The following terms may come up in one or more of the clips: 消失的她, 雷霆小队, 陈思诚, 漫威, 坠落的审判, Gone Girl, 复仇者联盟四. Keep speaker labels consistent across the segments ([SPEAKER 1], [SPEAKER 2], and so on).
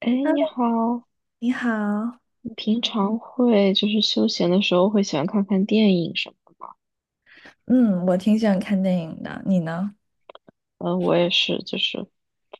[SPEAKER 1] 哎，你
[SPEAKER 2] Hello，
[SPEAKER 1] 好，
[SPEAKER 2] 你好。
[SPEAKER 1] 你平常会休闲的时候会喜欢看看电影什么的吗？
[SPEAKER 2] 嗯，我挺喜欢看电影的，你呢？
[SPEAKER 1] 嗯，我也是，就是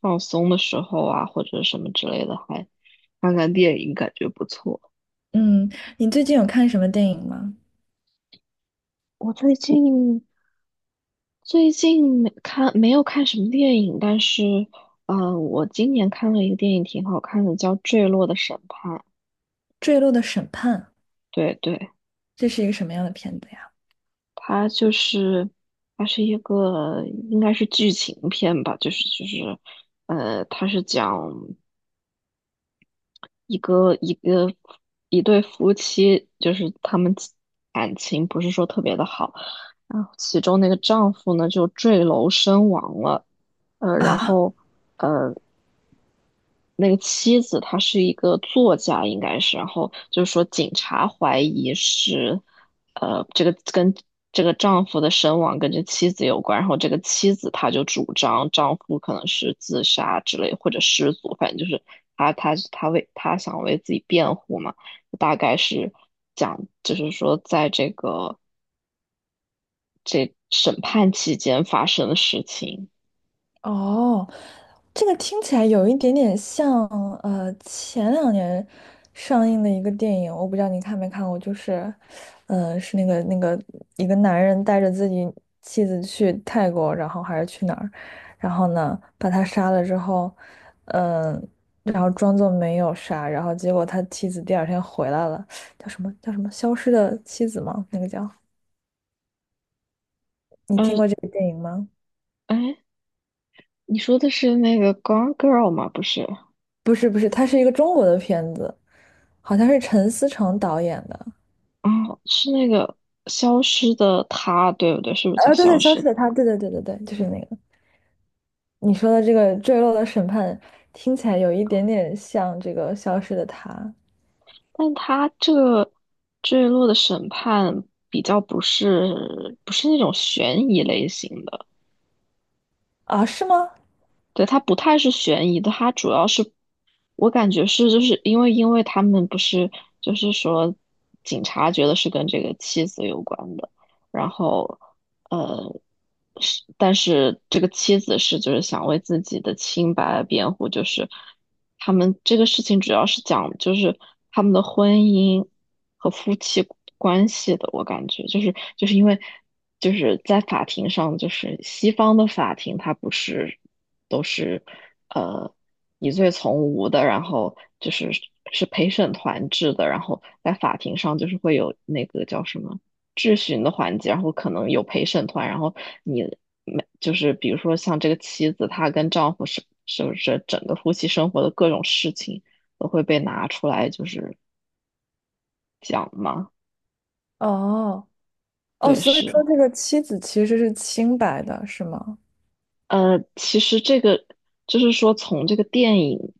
[SPEAKER 1] 放松的时候啊，或者什么之类的，还看看电影，感觉不错。
[SPEAKER 2] 嗯，你最近有看什么电影吗？
[SPEAKER 1] 我最近没有看什么电影，但是我今年看了一个电影挺好看的，叫《坠落的审判》。
[SPEAKER 2] 《坠落的审判》，
[SPEAKER 1] 对对，
[SPEAKER 2] 这是一个什么样的片子呀？
[SPEAKER 1] 它就是它是一个应该是剧情片吧，它是讲一个一个一对夫妻，就是他们其感情不是说特别的好，然后其中那个丈夫呢就坠楼身亡了，呃，然
[SPEAKER 2] 啊，
[SPEAKER 1] 后呃那个妻子她是一个作家，应该是，然后就是说警察怀疑是，这个跟这个丈夫的身亡跟这妻子有关，然后这个妻子她就主张丈夫可能是自杀之类或者失足，反正就是她想为自己辩护嘛，大概是讲就是说在这审判期间发生的事情，
[SPEAKER 2] 哦，这个听起来有一点点像，前两年上映的一个电影，我不知道你看没看过，就是，是那个一个男人带着自己妻子去泰国，然后还是去哪儿，然后呢把他杀了之后，嗯、然后装作没有杀，然后结果他妻子第二天回来了，叫什么消失的妻子吗？那个叫，你听
[SPEAKER 1] 嗯，
[SPEAKER 2] 过这个电影吗？
[SPEAKER 1] 哎，你说的是那个《Gone Girl》吗？不是。
[SPEAKER 2] 不是不是，它是一个中国的片子。好像是陈思诚导演的，
[SPEAKER 1] 哦，是那个消失的她，对不对？是不是叫
[SPEAKER 2] 对
[SPEAKER 1] 消
[SPEAKER 2] 对，消
[SPEAKER 1] 失
[SPEAKER 2] 失
[SPEAKER 1] 的？
[SPEAKER 2] 的她，对对对对对，就是那个你说的这个坠落的审判，听起来有一点点像这个消失的她
[SPEAKER 1] 但她这个坠落的审判比较不是那种悬疑类型的。
[SPEAKER 2] 啊，是吗？
[SPEAKER 1] 对，它不太是悬疑的，它主要是我感觉是就是因为他们不是就是说警察觉得是跟这个妻子有关的，然后呃是但是这个妻子是就是想为自己的清白辩护，就是他们这个事情主要是讲就是他们的婚姻和夫妻关系的，我感觉因为就是在法庭上，就是西方的法庭它不是。都是呃疑罪从无的，然后就是是陪审团制的，然后在法庭上就是会有那个叫什么质询的环节，然后可能有陪审团，然后你没就是比如说像这个妻子，她跟丈夫是不是整个夫妻生活的各种事情都会被拿出来就是讲嘛？
[SPEAKER 2] 哦哦，
[SPEAKER 1] 对，
[SPEAKER 2] 所以
[SPEAKER 1] 是。
[SPEAKER 2] 说这个妻子其实是清白的，是吗？
[SPEAKER 1] 其实这个就是说，从这个电影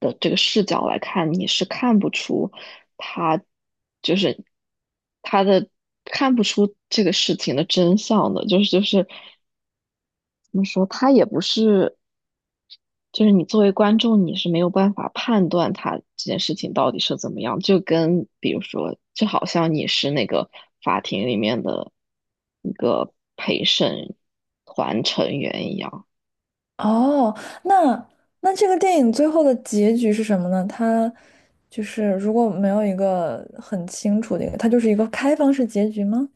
[SPEAKER 1] 的这个视角来看，你是看不出他就是他的看不出这个事情的真相的，就是就是怎么说，他也不是，就是你作为观众，你是没有办法判断他这件事情到底是怎么样，就跟比如说，就好像你是那个法庭里面的一个陪审团成员一样。
[SPEAKER 2] 哦，那那这个电影最后的结局是什么呢？它就是如果没有一个很清楚的一个，它就是一个开放式结局吗？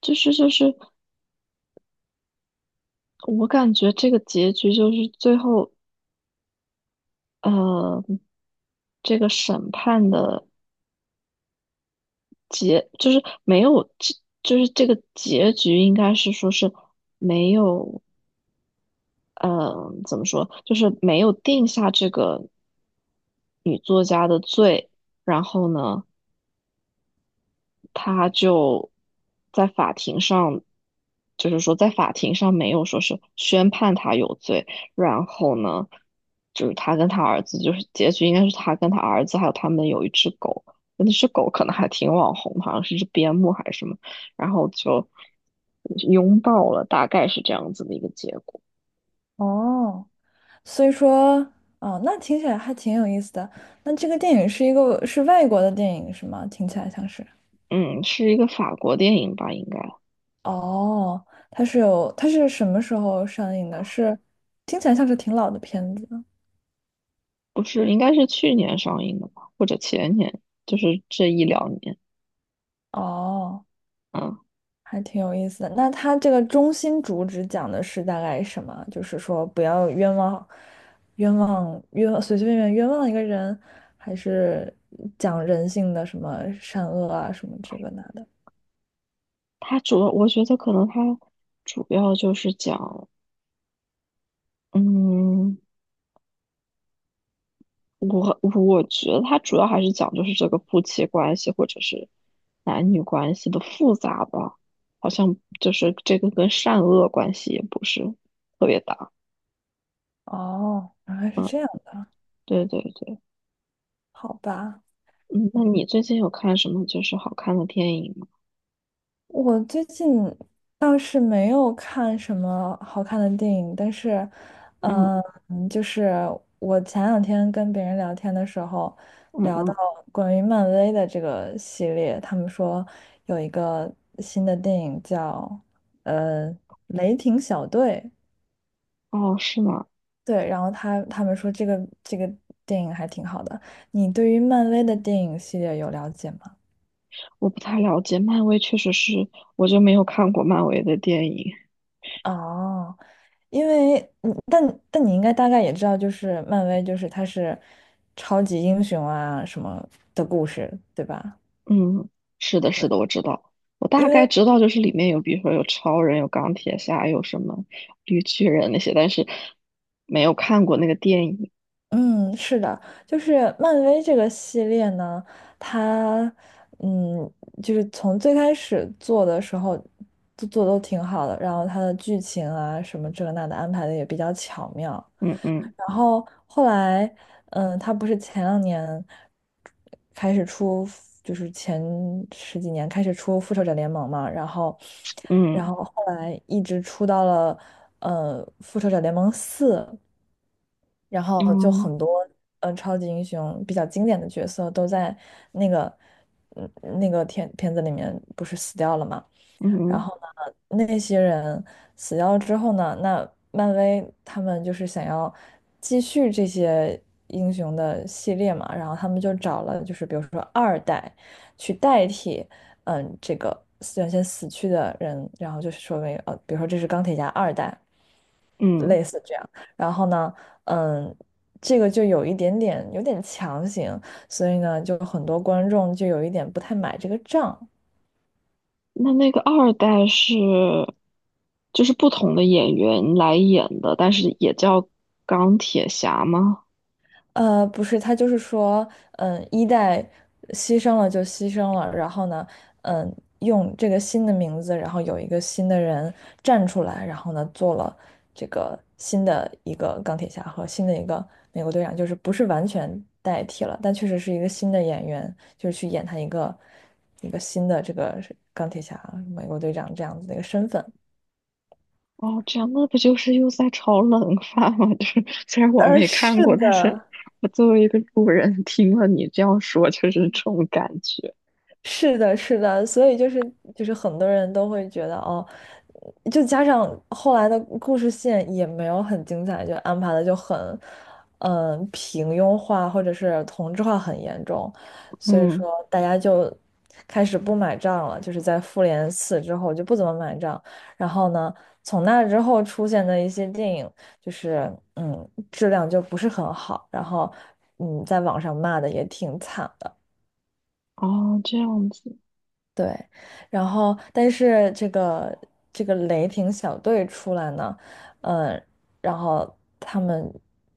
[SPEAKER 1] 就是就是，我感觉这个结局就是最后呃，这个审判的结就是没有，这就是这个结局应该是说是没有，怎么说，就是没有定下这个女作家的罪，然后呢。他就在法庭上，就是说在法庭上没有说是宣判他有罪，然后呢，就是他跟他儿子，就是结局应该是他跟他儿子还有他们有一只狗，那只狗可能还挺网红的好像是只边牧还是什么，然后就拥抱了，大概是这样子的一个结果。
[SPEAKER 2] 哦。所以说，哦，那听起来还挺有意思的。那这个电影是一个是外国的电影是吗？听起来像是。
[SPEAKER 1] 嗯，是一个法国电影吧，应该
[SPEAKER 2] 哦，它是有，它是什么时候上映的？是，听起来像是挺老的片子。
[SPEAKER 1] 不是，应该是去年上映的吧，或者前年，就是这一两年。
[SPEAKER 2] 哦，
[SPEAKER 1] 嗯。
[SPEAKER 2] 还挺有意思的。那它这个中心主旨讲的是大概什么？就是说不要冤枉，冤枉冤枉随随便便冤枉一个人，还是讲人性的什么善恶啊什么这个那的？
[SPEAKER 1] 它主要，我觉得可能它主要就是讲，嗯，我觉得它主要还是讲就是这个夫妻关系或者是男女关系的复杂吧，好像就是这个跟善恶关系也不是特别大。
[SPEAKER 2] 哦，原来是
[SPEAKER 1] 嗯，
[SPEAKER 2] 这样的，
[SPEAKER 1] 对对对，
[SPEAKER 2] 好吧。
[SPEAKER 1] 嗯，那你最近有看什么就是好看的电影吗？
[SPEAKER 2] 我最近倒是没有看什么好看的电影，但是，
[SPEAKER 1] 嗯
[SPEAKER 2] 呃就是我前两天跟别人聊天的时候，
[SPEAKER 1] 嗯
[SPEAKER 2] 聊到
[SPEAKER 1] 嗯，
[SPEAKER 2] 关于漫威的这个系列，他们说有一个新的电影叫呃《雷霆小队》，
[SPEAKER 1] 哦，是吗？
[SPEAKER 2] 对，然后他们说这个电影还挺好的。你对于漫威的电影系列有了解吗？
[SPEAKER 1] 我不太了解，漫威确实是，我就没有看过漫威的电影。
[SPEAKER 2] 哦。因为但你应该大概也知道，就是漫威，就是它是超级英雄啊什么的故事，对吧？
[SPEAKER 1] 嗯，是的，是
[SPEAKER 2] 对
[SPEAKER 1] 的，我知道，我大
[SPEAKER 2] 因为
[SPEAKER 1] 概知道，就是里面有，比如说有超人，有钢铁侠，有什么绿巨人那些，但是没有看过那个电影。
[SPEAKER 2] 嗯，是的，就是漫威这个系列呢，它嗯，就是从最开始做的时候都做得都挺好的，然后它的剧情啊什么这个那的安排的也比较巧妙，
[SPEAKER 1] 嗯嗯
[SPEAKER 2] 然后后来，他不是前两年开始出，就是前十几年开始出《复仇者联盟》嘛，然后，然
[SPEAKER 1] 嗯
[SPEAKER 2] 后后来一直出到了《复仇者联盟四》，然后就
[SPEAKER 1] 嗯
[SPEAKER 2] 很多超级英雄比较经典的角色都在那个嗯那个片子里面不是死掉了嘛。然
[SPEAKER 1] 嗯
[SPEAKER 2] 后呢，那些人死掉之后呢，那漫威他们就是想要继续这些英雄的系列嘛，然后他们就找了就是比如说二代去代替，嗯，这个原先死去的人，然后就是说比如说这是钢铁侠二代，
[SPEAKER 1] 嗯，
[SPEAKER 2] 类似这样，然后呢，嗯。这个就有一点点有点强行，所以呢，就很多观众就有一点不太买这个账。
[SPEAKER 1] 那那个二代是就是不同的演员来演的，但是也叫钢铁侠吗？
[SPEAKER 2] 不是，他就是说，一代牺牲了就牺牲了，然后呢，嗯，用这个新的名字，然后有一个新的人站出来，然后呢，做了这个新的一个钢铁侠和新的一个美国队长，就是不是完全代替了，但确实是一个新的演员，就是去演他一个新的这个钢铁侠、美国队长这样子的一个身份。
[SPEAKER 1] 哦，这样那不就是又在炒冷饭吗？就是虽然我
[SPEAKER 2] 嗯，
[SPEAKER 1] 没
[SPEAKER 2] 是
[SPEAKER 1] 看过，但是
[SPEAKER 2] 的，
[SPEAKER 1] 我作为一个路人听了你这样说，就是这种感觉。
[SPEAKER 2] 是的，是的，所以就是很多人都会觉得哦，就加上后来的故事线也没有很精彩，就安排的就很，平庸化或者是同质化很严重，所以说
[SPEAKER 1] 嗯，
[SPEAKER 2] 大家就开始不买账了，就是在复联四之后就不怎么买账，然后呢，从那之后出现的一些电影就是质量就不是很好，然后在网上骂的也挺惨的。
[SPEAKER 1] 哦，这样子，
[SPEAKER 2] 对，然后但是这个雷霆小队出来呢，嗯，然后他们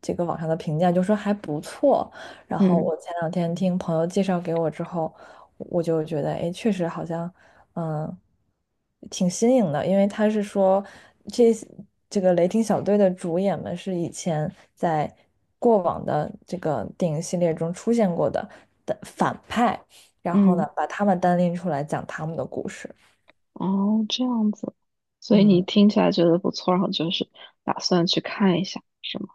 [SPEAKER 2] 这个网上的评价就说还不错，然后
[SPEAKER 1] 嗯
[SPEAKER 2] 我前两天听朋友介绍给我之后，我就觉得哎，确实好像嗯挺新颖的，因为他是说这这个雷霆小队的主演们是以前在过往的这个电影系列中出现过的反派。然后呢，
[SPEAKER 1] 嗯，
[SPEAKER 2] 把他们单拎出来讲他们的故事。
[SPEAKER 1] 哦，这样子，所以你
[SPEAKER 2] 嗯，
[SPEAKER 1] 听起来觉得不错，然后就是打算去看一下，是吗？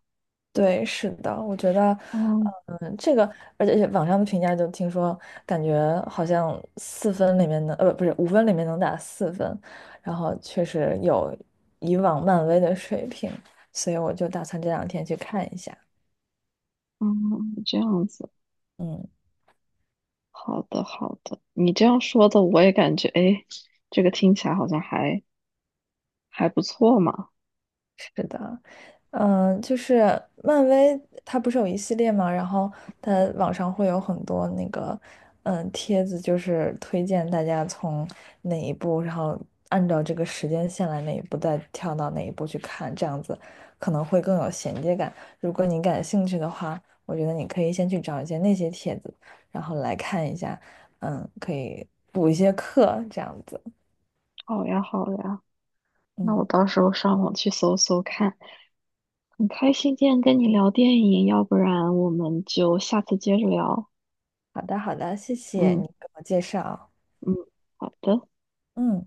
[SPEAKER 2] 对，是的，我觉得，
[SPEAKER 1] 嗯
[SPEAKER 2] 这个，而且网上的评价就听说，感觉好像四分里面能，不是5分里面能打四分，然后确实有以往漫威的水平，所以我就打算这两天去看一下。
[SPEAKER 1] 嗯，这样子，
[SPEAKER 2] 嗯，
[SPEAKER 1] 好的好的，你这样说的我也感觉，哎，这个听起来好像还不错嘛。
[SPEAKER 2] 是的。嗯，就是漫威，它不是有一系列嘛，然后它网上会有很多那个，帖子，就是推荐大家从哪一部，然后按照这个时间线来哪一部，再跳到哪一部去看，这样子可能会更有衔接感。如果你感兴趣的话，我觉得你可以先去找一些那些帖子，然后来看一下，可以补一些课，这样子。
[SPEAKER 1] 好呀好呀。那我
[SPEAKER 2] 嗯，
[SPEAKER 1] 到时候上网去搜搜看。很开心今天跟你聊电影，要不然我们就下次接着聊。
[SPEAKER 2] 好的，好的，谢谢
[SPEAKER 1] 嗯
[SPEAKER 2] 你给我介绍。
[SPEAKER 1] 嗯，好的。
[SPEAKER 2] 嗯。